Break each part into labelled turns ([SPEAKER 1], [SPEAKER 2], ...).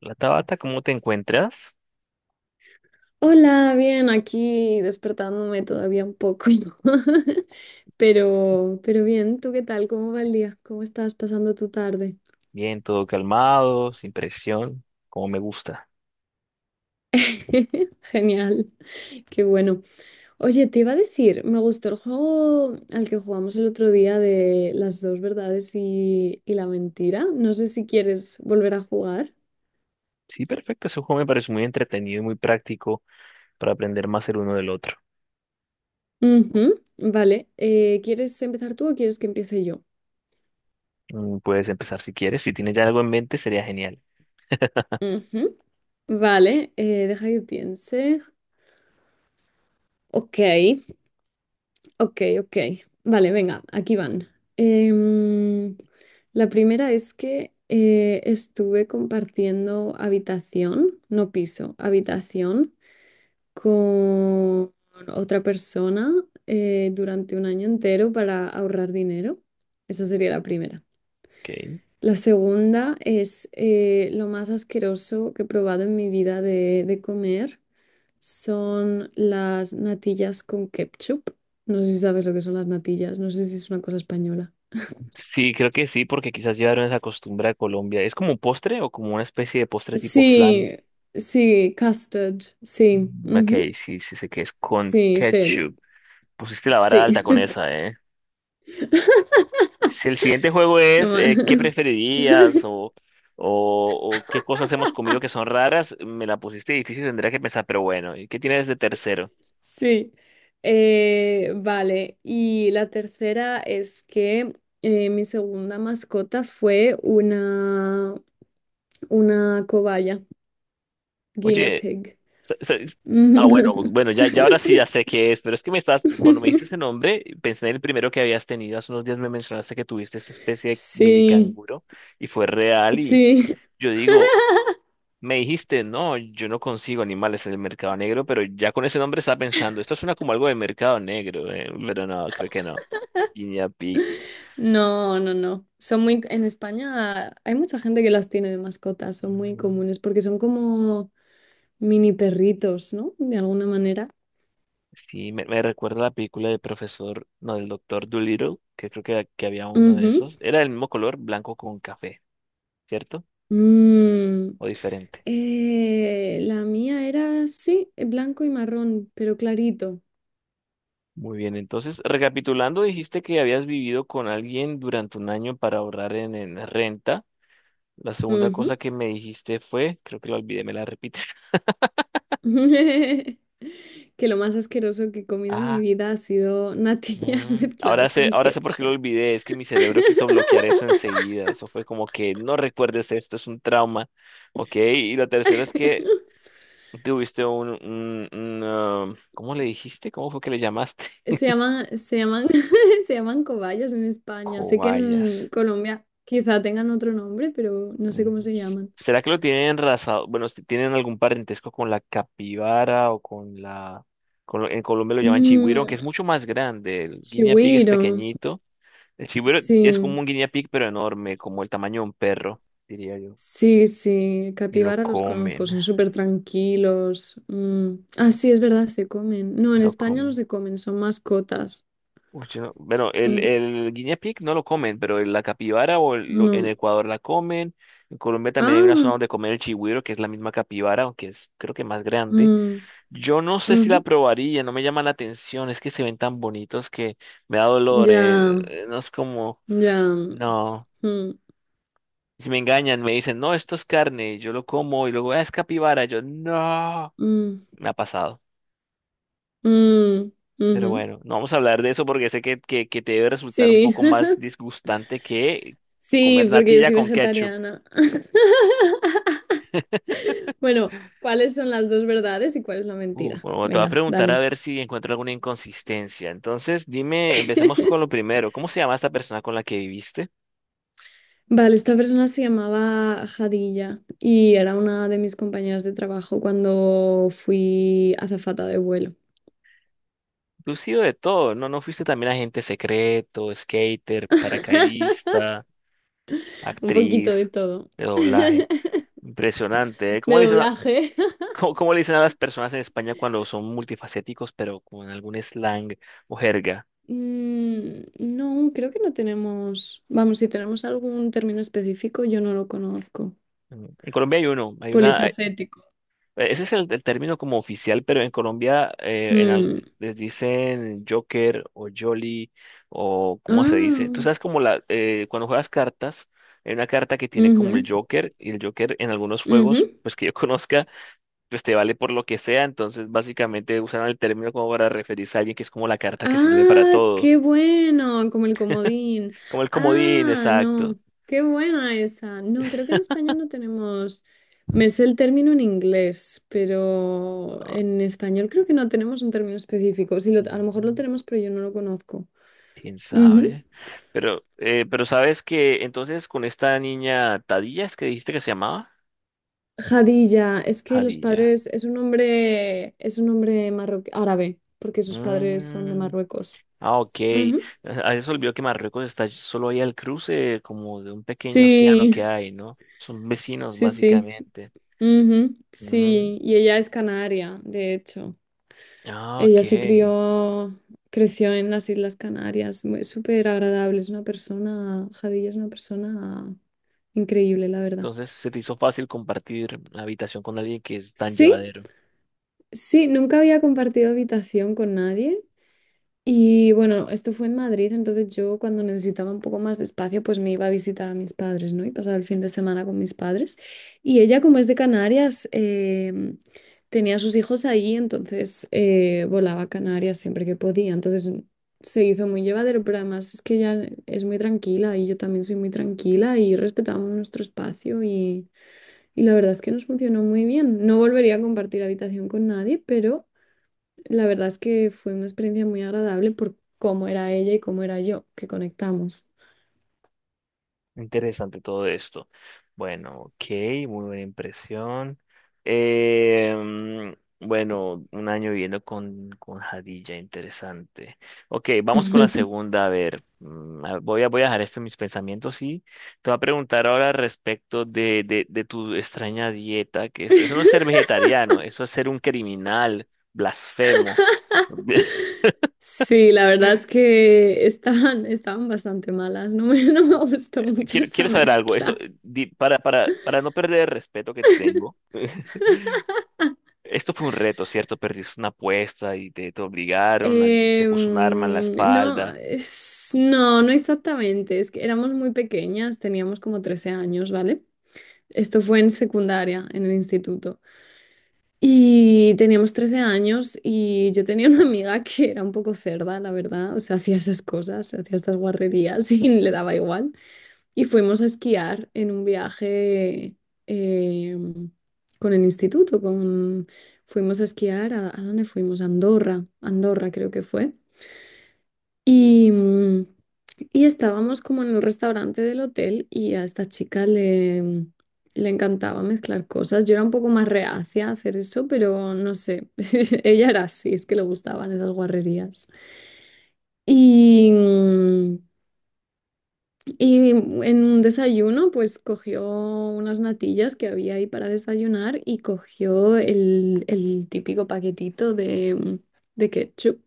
[SPEAKER 1] La Tabata, ¿cómo te encuentras?
[SPEAKER 2] Hola, bien, aquí despertándome todavía un poco, ¿no? Pero bien, ¿tú qué tal? ¿Cómo va el día? ¿Cómo estás pasando tu tarde?
[SPEAKER 1] Bien, todo calmado, sin presión, como me gusta.
[SPEAKER 2] Genial, qué bueno. Oye, te iba a decir, me gustó el juego al que jugamos el otro día de las dos verdades y la mentira. No sé si quieres volver a jugar.
[SPEAKER 1] Sí, perfecto, ese juego me parece muy entretenido y muy práctico para aprender más el uno del otro.
[SPEAKER 2] Ujú. Vale, ¿quieres empezar tú o quieres que empiece yo?
[SPEAKER 1] Puedes empezar si quieres, si tienes ya algo en mente sería genial.
[SPEAKER 2] Ujú. Vale, deja que piense. Ok. Ok, ok. Vale, venga, aquí van. Em, la primera es que estuve compartiendo habitación, no piso, habitación con otra persona durante un año entero para ahorrar dinero. Esa sería la primera.
[SPEAKER 1] Ok.
[SPEAKER 2] La segunda es lo más asqueroso que he probado en mi vida de comer son las natillas con ketchup. No sé si sabes lo que son las natillas, no sé si es una cosa española.
[SPEAKER 1] Sí, creo que sí, porque quizás llevaron esa costumbre a Colombia. ¿Es como un postre o como una especie de postre tipo flan?
[SPEAKER 2] Sí, sí, custard, sí,
[SPEAKER 1] Ok,
[SPEAKER 2] ujú.
[SPEAKER 1] sí sé que es con
[SPEAKER 2] Sí, sí,
[SPEAKER 1] ketchup. Pusiste la vara
[SPEAKER 2] sí,
[SPEAKER 1] alta con esa, ¿eh? Si el siguiente juego
[SPEAKER 2] es lo
[SPEAKER 1] es
[SPEAKER 2] más.
[SPEAKER 1] ¿qué preferirías? O ¿qué cosas hemos comido que son raras? Me la pusiste difícil, tendría que pensar, pero bueno, ¿y qué tienes de tercero?
[SPEAKER 2] Sí. Vale. Y la tercera es que mi segunda mascota fue una cobaya, guinea
[SPEAKER 1] Oye,
[SPEAKER 2] pig.
[SPEAKER 1] sa- sa- bueno, bueno, ya ahora sí ya sé qué es, pero es que me estás, cuando me diste ese nombre, pensé en el primero que habías tenido. Hace unos días me mencionaste que tuviste esta especie de mini
[SPEAKER 2] Sí.
[SPEAKER 1] canguro y fue real y
[SPEAKER 2] Sí,
[SPEAKER 1] yo digo... Me dijiste, no, yo no consigo animales en el mercado negro, pero ya con ese nombre estaba pensando, esto suena como algo de mercado negro, pero no, creo que no. Guinea Pig.
[SPEAKER 2] no, no, no. Son muy, en España hay mucha gente que las tiene de mascotas, son muy
[SPEAKER 1] Mm,
[SPEAKER 2] comunes porque son como mini perritos, ¿no? De alguna manera.
[SPEAKER 1] Sí, me recuerda a la película del profesor, no, del doctor Dolittle, que creo que había uno de
[SPEAKER 2] Ujú.
[SPEAKER 1] esos. Era del mismo color, blanco con café, ¿cierto?
[SPEAKER 2] Mm.
[SPEAKER 1] ¿O diferente?
[SPEAKER 2] La mía era, sí, blanco y marrón, pero clarito.
[SPEAKER 1] Muy bien, entonces, recapitulando, dijiste que habías vivido con alguien durante un año para ahorrar en renta. La segunda cosa
[SPEAKER 2] Ujú.
[SPEAKER 1] que me dijiste fue, creo que la olvidé, me la repites.
[SPEAKER 2] Que lo más asqueroso que he comido en mi
[SPEAKER 1] Ah.
[SPEAKER 2] vida ha sido natillas mezcladas con
[SPEAKER 1] Ahora sé por qué lo
[SPEAKER 2] ketchup.
[SPEAKER 1] olvidé, es que mi cerebro quiso bloquear eso enseguida, eso fue como que no recuerdes esto, es un trauma, ¿ok? Y lo tercero es que tuviste ¿cómo le dijiste? ¿Cómo fue que le llamaste?
[SPEAKER 2] Se llaman, se llaman, se llaman cobayas en España. Sé que en
[SPEAKER 1] Cobayas.
[SPEAKER 2] Colombia quizá tengan otro nombre, pero no sé
[SPEAKER 1] Mm,
[SPEAKER 2] cómo se llaman.
[SPEAKER 1] ¿Será que lo tienen raza- Bueno, si ¿tienen algún parentesco con la capibara o con la... en Colombia lo llaman chigüiro, aunque es
[SPEAKER 2] Mm,
[SPEAKER 1] mucho más grande, el guinea pig es
[SPEAKER 2] chigüiro.
[SPEAKER 1] pequeñito. El chiburo es como
[SPEAKER 2] Sí,
[SPEAKER 1] un guinea pig, pero enorme, como el tamaño de un perro, diría yo.
[SPEAKER 2] sí, sí.
[SPEAKER 1] Y lo
[SPEAKER 2] Capibara los conozco,
[SPEAKER 1] comen,
[SPEAKER 2] son súper tranquilos. Mm. Ah, sí, es verdad, se comen. No, en
[SPEAKER 1] se lo
[SPEAKER 2] España no
[SPEAKER 1] comen.
[SPEAKER 2] se comen, son mascotas.
[SPEAKER 1] Uy, yo no... Bueno,
[SPEAKER 2] Mm,
[SPEAKER 1] el guinea pig no lo comen, pero la capibara en
[SPEAKER 2] no.
[SPEAKER 1] Ecuador la comen. En Colombia también hay una
[SPEAKER 2] Ah,
[SPEAKER 1] zona donde comen el chigüiro, que es la misma capibara, aunque es creo que más grande.
[SPEAKER 2] mm,
[SPEAKER 1] Yo no sé si la
[SPEAKER 2] ujú.
[SPEAKER 1] probaría, no me llama la atención, es que se ven tan bonitos que me da dolor,
[SPEAKER 2] Ya,
[SPEAKER 1] no es como,
[SPEAKER 2] ya.
[SPEAKER 1] no.
[SPEAKER 2] Mm,
[SPEAKER 1] Si me engañan, me dicen, no, esto es carne, y yo lo como, y luego, "Ah, es capibara", yo, no.
[SPEAKER 2] mm,
[SPEAKER 1] Me ha pasado.
[SPEAKER 2] mm,
[SPEAKER 1] Pero
[SPEAKER 2] ujú.
[SPEAKER 1] bueno, no vamos a hablar de eso porque sé que te debe resultar un
[SPEAKER 2] Sí.
[SPEAKER 1] poco más disgustante que
[SPEAKER 2] Sí,
[SPEAKER 1] comer
[SPEAKER 2] porque yo
[SPEAKER 1] natilla
[SPEAKER 2] soy
[SPEAKER 1] con ketchup.
[SPEAKER 2] vegetariana. Bueno, ¿cuáles son las dos verdades y cuál es la
[SPEAKER 1] Uf,
[SPEAKER 2] mentira?
[SPEAKER 1] bueno, te voy a
[SPEAKER 2] Venga,
[SPEAKER 1] preguntar a
[SPEAKER 2] dale.
[SPEAKER 1] ver si encuentro alguna inconsistencia. Entonces, dime, empecemos con lo primero. ¿Cómo se llama esta persona con la que viviste?
[SPEAKER 2] Vale, esta persona se llamaba Jadilla y era una de mis compañeras de trabajo cuando fui azafata de vuelo.
[SPEAKER 1] Tú has sido de todo, ¿no? ¿No fuiste también agente secreto, skater, paracaidista,
[SPEAKER 2] Un poquito
[SPEAKER 1] actriz
[SPEAKER 2] de todo,
[SPEAKER 1] de doblaje? Impresionante, ¿eh?
[SPEAKER 2] de doblaje.
[SPEAKER 1] ¿Cómo, cómo le dicen a las personas en España cuando son multifacéticos, pero con algún slang o jerga?
[SPEAKER 2] Mm, no, creo que no tenemos, vamos, si tenemos algún término específico, yo no lo conozco.
[SPEAKER 1] En Colombia hay uno, hay...
[SPEAKER 2] Polifacético.
[SPEAKER 1] ese es el término como oficial, pero en Colombia
[SPEAKER 2] Mm.
[SPEAKER 1] les dicen Joker o Jolly o cómo se dice. Tú
[SPEAKER 2] Ah,
[SPEAKER 1] sabes como la, cuando juegas cartas, hay una carta que tiene como el
[SPEAKER 2] ujú,
[SPEAKER 1] Joker y el Joker en algunos
[SPEAKER 2] ujú.
[SPEAKER 1] juegos, pues que yo conozca, pues te vale por lo que sea, entonces básicamente usaron el término como para referirse a alguien que es como la carta que sirve para
[SPEAKER 2] Ah,
[SPEAKER 1] todo,
[SPEAKER 2] qué bueno, como el comodín.
[SPEAKER 1] como el comodín,
[SPEAKER 2] Ah,
[SPEAKER 1] exacto.
[SPEAKER 2] no, qué buena esa. No, creo que en España no tenemos, me sé el término en inglés, pero
[SPEAKER 1] Ah,
[SPEAKER 2] en español creo que no tenemos un término específico. Sí, lo- a lo
[SPEAKER 1] ujú,
[SPEAKER 2] mejor lo tenemos, pero yo no lo conozco.
[SPEAKER 1] quién
[SPEAKER 2] Ujú.
[SPEAKER 1] sabe. Pero sabes que entonces con esta niña Tadilla, ¿es que dijiste que se llamaba?
[SPEAKER 2] Jadilla, es que los
[SPEAKER 1] Jadilla.
[SPEAKER 2] padres, es un hombre marroquí, árabe, porque sus padres son de
[SPEAKER 1] Mm,
[SPEAKER 2] Marruecos.
[SPEAKER 1] ah, ok.
[SPEAKER 2] Ujú.
[SPEAKER 1] A eso olvidó que Marruecos está solo ahí al cruce, como de un pequeño océano
[SPEAKER 2] Sí,
[SPEAKER 1] que hay, ¿no? Son vecinos,
[SPEAKER 2] sí, sí.
[SPEAKER 1] básicamente.
[SPEAKER 2] Ujú.
[SPEAKER 1] Mm,
[SPEAKER 2] Sí, y ella es canaria, de hecho.
[SPEAKER 1] ah, ok.
[SPEAKER 2] Ella se crió, creció en las Islas Canarias, muy- súper agradable, es una persona, Jadilla es una persona increíble, la verdad.
[SPEAKER 1] Entonces se te hizo fácil compartir habitación con alguien que es tan
[SPEAKER 2] Sí,
[SPEAKER 1] llevadero.
[SPEAKER 2] sí, nunca había compartido habitación con nadie. Y bueno, esto fue en Madrid, entonces yo cuando necesitaba un poco más de espacio, pues me iba a visitar a mis padres, ¿no? Y pasaba el fin de semana con mis padres. Y ella, como es de Canarias, tenía a sus hijos ahí, entonces volaba a Canarias siempre que podía. Entonces se hizo muy llevadero, pero además es que ella es muy tranquila y yo también soy muy tranquila y respetamos nuestro espacio y la verdad es que nos funcionó muy bien. No volvería a compartir habitación con nadie, pero la verdad es que fue una experiencia muy agradable por cómo era ella y cómo era yo, que conectamos.
[SPEAKER 1] Interesante todo esto. Bueno, ok, muy buena impresión. Eh, mm, bueno, un año viviendo con Jadilla, interesante. Ok, vamos con la segunda. A ver, voy a dejar esto en mis pensamientos y te voy a preguntar ahora respecto de tu extraña dieta, que eso no es ser vegetariano, eso es ser un criminal, blasfemo.
[SPEAKER 2] Sí, la verdad es que estaban bastante malas, no me, no me gustó mucho esa
[SPEAKER 1] Quiero saber algo, esto,
[SPEAKER 2] mezcla.
[SPEAKER 1] para no perder el respeto que te tengo. Esto fue un reto, ¿cierto? Perdiste una apuesta y te obligaron, alguien te puso un arma en la
[SPEAKER 2] No,
[SPEAKER 1] espalda.
[SPEAKER 2] no, no exactamente, es que éramos muy pequeñas, teníamos como 13 años, ¿vale? Esto fue en secundaria, en el instituto. Y teníamos 13 años y yo tenía una amiga que era un poco cerda, la verdad. O sea, hacía esas cosas, hacía estas guarrerías y le daba igual. Y fuimos a esquiar en un viaje eh, con el instituto. Con... Fuimos a esquiar ¿a dónde fuimos? A Andorra, Andorra creo que fue. Y, mm, y estábamos como en el restaurante del hotel y a esta chica le encantaba mezclar cosas. Yo era un poco más reacia a hacer eso, pero no sé, ella era así, es que le gustaban esas guarrerías. Y, mm, y en un desayuno, pues cogió unas natillas que había ahí para desayunar y cogió el típico paquetito de, de ketchup.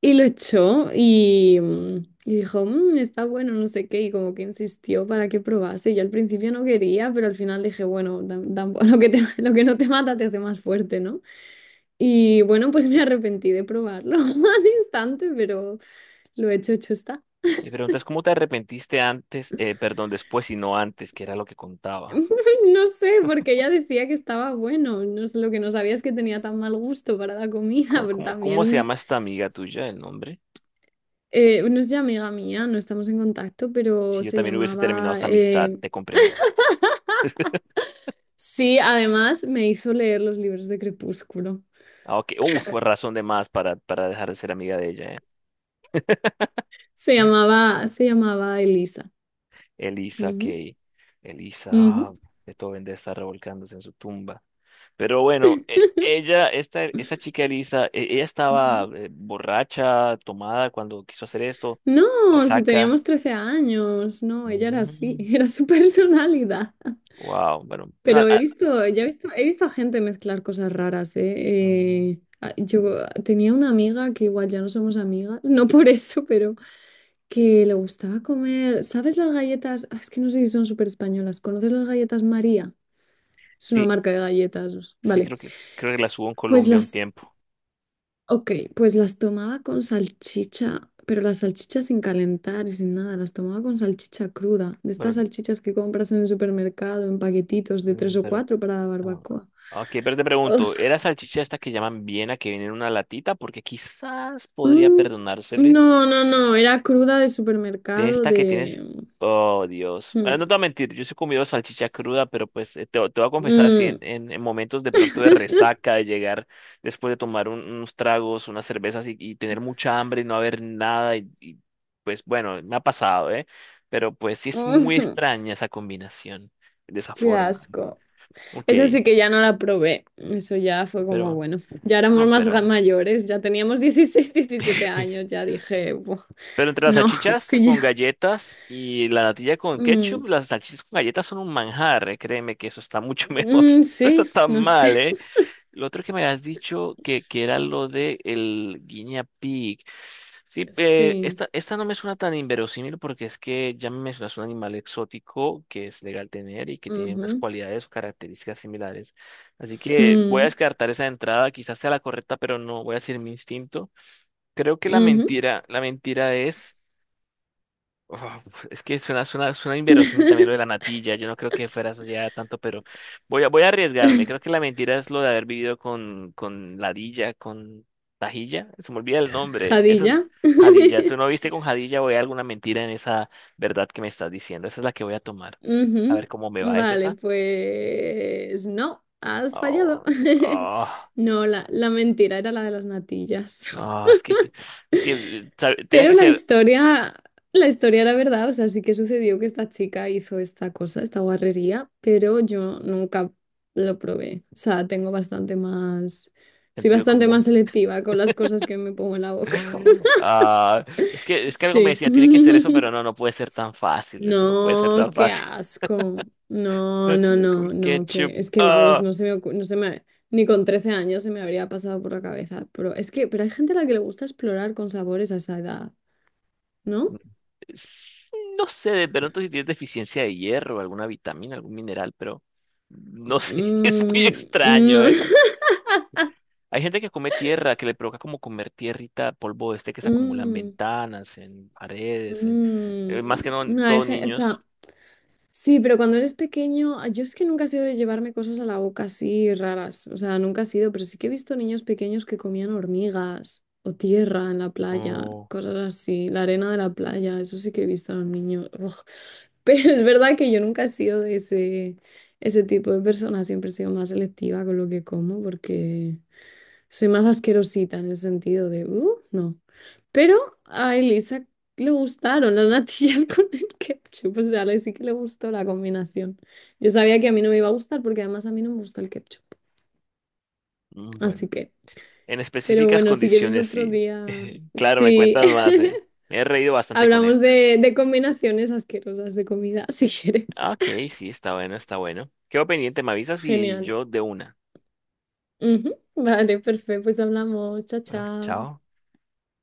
[SPEAKER 2] Y lo echó y dijo, "Mm, está bueno, no sé qué", y como que insistió para que probase. Yo al principio no quería, pero al final dije, bueno, tampoco, lo que lo que no te mata te hace más fuerte, ¿no? Y bueno, pues me arrepentí de probarlo al instante, pero lo hecho, hecho está.
[SPEAKER 1] Mi pregunta es, ¿cómo te arrepentiste antes, perdón, después y no antes, que era lo que contaba?
[SPEAKER 2] No sé, porque ella decía que estaba bueno. No sé, lo que no sabía es que tenía tan mal gusto para la comida, pero
[SPEAKER 1] ¿Cómo se
[SPEAKER 2] también,
[SPEAKER 1] llama esta amiga tuya, el nombre?
[SPEAKER 2] no es ya amiga mía, no estamos en contacto, pero
[SPEAKER 1] Si yo
[SPEAKER 2] se
[SPEAKER 1] también hubiese terminado
[SPEAKER 2] llamaba
[SPEAKER 1] esa amistad, te comprendo.
[SPEAKER 2] Sí, además me hizo leer los libros de Crepúsculo.
[SPEAKER 1] Ah, ok, fue razón de más para dejar de ser amiga de ella.
[SPEAKER 2] Se llamaba Elisa.
[SPEAKER 1] Elisa
[SPEAKER 2] Ujú,
[SPEAKER 1] que Elisa,
[SPEAKER 2] ujú,
[SPEAKER 1] ah, Beethoven debe estar revolcándose en su tumba. Pero bueno, ella, esta chica Elisa, ella estaba
[SPEAKER 2] ujú.
[SPEAKER 1] borracha, tomada cuando quiso hacer esto,
[SPEAKER 2] No, si
[SPEAKER 1] resaca.
[SPEAKER 2] teníamos 13 años, no, ella era así,
[SPEAKER 1] Mm,
[SPEAKER 2] era su personalidad.
[SPEAKER 1] wow, bueno, bueno,
[SPEAKER 2] Pero he visto, ya he visto a gente mezclar cosas raras, ¿eh?
[SPEAKER 1] mm,
[SPEAKER 2] Yo tenía una amiga que igual ya no somos amigas, no por eso, pero que le gustaba comer, ¿sabes las galletas? Ah, es que no sé si son súper españolas. ¿Conoces las galletas María? Es una
[SPEAKER 1] sí,
[SPEAKER 2] marca de galletas, vale.
[SPEAKER 1] creo que la subo en
[SPEAKER 2] Pues
[SPEAKER 1] Colombia un
[SPEAKER 2] las,
[SPEAKER 1] tiempo.
[SPEAKER 2] ok, pues las tomaba con salchicha, pero las salchichas sin calentar y sin nada, las tomaba con salchicha cruda, de estas
[SPEAKER 1] Bueno,
[SPEAKER 2] salchichas que compras en el supermercado en paquetitos de
[SPEAKER 1] mm,
[SPEAKER 2] tres o
[SPEAKER 1] pero,
[SPEAKER 2] cuatro para la barbacoa.
[SPEAKER 1] ok, pero te
[SPEAKER 2] Ugh.
[SPEAKER 1] pregunto, ¿era salchicha esta que llaman Viena que viene en una latita? Porque quizás podría
[SPEAKER 2] Mm,
[SPEAKER 1] perdonársele.
[SPEAKER 2] no, no, no, era cruda de
[SPEAKER 1] De
[SPEAKER 2] supermercado
[SPEAKER 1] esta que tienes.
[SPEAKER 2] de...
[SPEAKER 1] Oh, Dios. Bueno,
[SPEAKER 2] Mm,
[SPEAKER 1] no te voy a mentir, yo sí he comido salchicha cruda, pero pues te voy a confesar, si
[SPEAKER 2] mm,
[SPEAKER 1] en momentos de pronto de resaca, de llegar después de tomar unos tragos, unas cervezas y tener mucha hambre y no haber nada, pues bueno, me ha pasado, ¿eh? Pero pues sí es muy
[SPEAKER 2] mm.
[SPEAKER 1] extraña esa combinación de esa
[SPEAKER 2] Qué
[SPEAKER 1] forma.
[SPEAKER 2] asco.
[SPEAKER 1] Ok,
[SPEAKER 2] Esa sí que ya no la probé. Eso ya fue como,
[SPEAKER 1] pero
[SPEAKER 2] bueno, ya éramos
[SPEAKER 1] no,
[SPEAKER 2] más
[SPEAKER 1] pero.
[SPEAKER 2] mayores, ya teníamos 16 17 años, ya dije, "Buah,
[SPEAKER 1] Pero entre las
[SPEAKER 2] no",
[SPEAKER 1] salchichas
[SPEAKER 2] estoy.
[SPEAKER 1] con galletas y la natilla con
[SPEAKER 2] Mm,
[SPEAKER 1] ketchup, las salchichas con galletas son un manjar, eh. Créeme que eso está mucho mejor.
[SPEAKER 2] mm,
[SPEAKER 1] No está
[SPEAKER 2] sí,
[SPEAKER 1] tan
[SPEAKER 2] no
[SPEAKER 1] mal,
[SPEAKER 2] sé.
[SPEAKER 1] ¿eh? Lo otro que me has dicho que era lo de el guinea pig. Sí,
[SPEAKER 2] Sí.
[SPEAKER 1] esta no me suena tan inverosímil porque es que ya me mencionas un animal exótico que es legal tener y que tiene unas
[SPEAKER 2] Ujú.
[SPEAKER 1] cualidades o características similares. Así que voy a
[SPEAKER 2] Mm,
[SPEAKER 1] descartar esa entrada, quizás sea la correcta, pero no voy a seguir mi instinto. Creo que
[SPEAKER 2] ujú.
[SPEAKER 1] la mentira es. Uf, es que suena, suena inverosímil también lo de la natilla. Yo no creo que fueras allá tanto, pero voy a arriesgarme. Creo que la mentira es lo de haber vivido con Ladilla, con Tajilla. Se me olvida el nombre. Esa es
[SPEAKER 2] Jadilla.
[SPEAKER 1] Jadilla. ¿Tú no viste con Jadilla o hay alguna mentira en esa verdad que me estás diciendo? Esa es la que voy a tomar. A ver
[SPEAKER 2] Ujú.
[SPEAKER 1] cómo me va. ¿Es
[SPEAKER 2] Vale,
[SPEAKER 1] esa?
[SPEAKER 2] pues no, has fallado.
[SPEAKER 1] Oh, oh,
[SPEAKER 2] No, la mentira era la de las natillas.
[SPEAKER 1] oh, tenía
[SPEAKER 2] Pero
[SPEAKER 1] que
[SPEAKER 2] la
[SPEAKER 1] ser
[SPEAKER 2] historia, la historia era verdad, o sea, sí que sucedió que esta chica hizo esta cosa, esta guarrería, pero yo nunca lo probé. O sea, tengo bastante más, soy
[SPEAKER 1] sentido
[SPEAKER 2] bastante más
[SPEAKER 1] común.
[SPEAKER 2] selectiva con las cosas que me pongo en la boca.
[SPEAKER 1] Ah, es que algo me
[SPEAKER 2] Sí.
[SPEAKER 1] decía, tiene que ser eso, pero no, no puede ser tan fácil. Eso no puede ser
[SPEAKER 2] No,
[SPEAKER 1] tan
[SPEAKER 2] qué
[SPEAKER 1] fácil.
[SPEAKER 2] asco. No, no,
[SPEAKER 1] Natilla con
[SPEAKER 2] no, no,
[SPEAKER 1] ketchup.
[SPEAKER 2] que es que vamos, no se me ni con 13 años se me habría pasado por la cabeza, pero es que pero hay gente a la que le gusta explorar con sabores a esa edad, ¿no?
[SPEAKER 1] S- no sé, de pronto si tienes deficiencia de hierro, alguna vitamina, algún mineral, pero no sé, es muy
[SPEAKER 2] Mm,
[SPEAKER 1] extraño,
[SPEAKER 2] no.
[SPEAKER 1] ¿eh? Hay gente que come tierra, que le provoca como comer tierrita, polvo este que se acumula en
[SPEAKER 2] Mm,
[SPEAKER 1] ventanas, en paredes, en más
[SPEAKER 2] mm.
[SPEAKER 1] que no,
[SPEAKER 2] No,
[SPEAKER 1] todo
[SPEAKER 2] o
[SPEAKER 1] niños.
[SPEAKER 2] sea, sí, pero cuando eres pequeño, ah, yo es que nunca he sido de llevarme cosas a la boca así raras. O sea, nunca he sido, pero sí que he visto niños pequeños que comían hormigas o tierra en la playa,
[SPEAKER 1] Oh,
[SPEAKER 2] cosas así, la arena de la playa, eso sí que he visto a los niños. Ugh. Pero es verdad que yo nunca he sido de ese tipo de persona, siempre he sido más selectiva con lo que como porque... Soy más asquerosita en el sentido de, no. Pero a Elisa le gustaron las natillas con el ketchup, o sea, a sí que le gustó la combinación. Yo sabía que a mí no me iba a gustar porque además a mí no me gusta el ketchup.
[SPEAKER 1] mm, bueno.
[SPEAKER 2] Así que,
[SPEAKER 1] En
[SPEAKER 2] pero
[SPEAKER 1] específicas
[SPEAKER 2] bueno, si quieres
[SPEAKER 1] condiciones,
[SPEAKER 2] otro
[SPEAKER 1] sí.
[SPEAKER 2] día,
[SPEAKER 1] Claro, me
[SPEAKER 2] sí.
[SPEAKER 1] cuentas más, eh. Me he reído bastante con
[SPEAKER 2] Hablamos
[SPEAKER 1] esta.
[SPEAKER 2] de combinaciones asquerosas de comida, si quieres.
[SPEAKER 1] Ah, ok, sí, está bueno, está bueno. Quedo pendiente, me avisas y
[SPEAKER 2] Genial.
[SPEAKER 1] yo de una.
[SPEAKER 2] Ujú. Vale, perfecto, pues hablamos. Chao,
[SPEAKER 1] Bueno,
[SPEAKER 2] chao.
[SPEAKER 1] chao.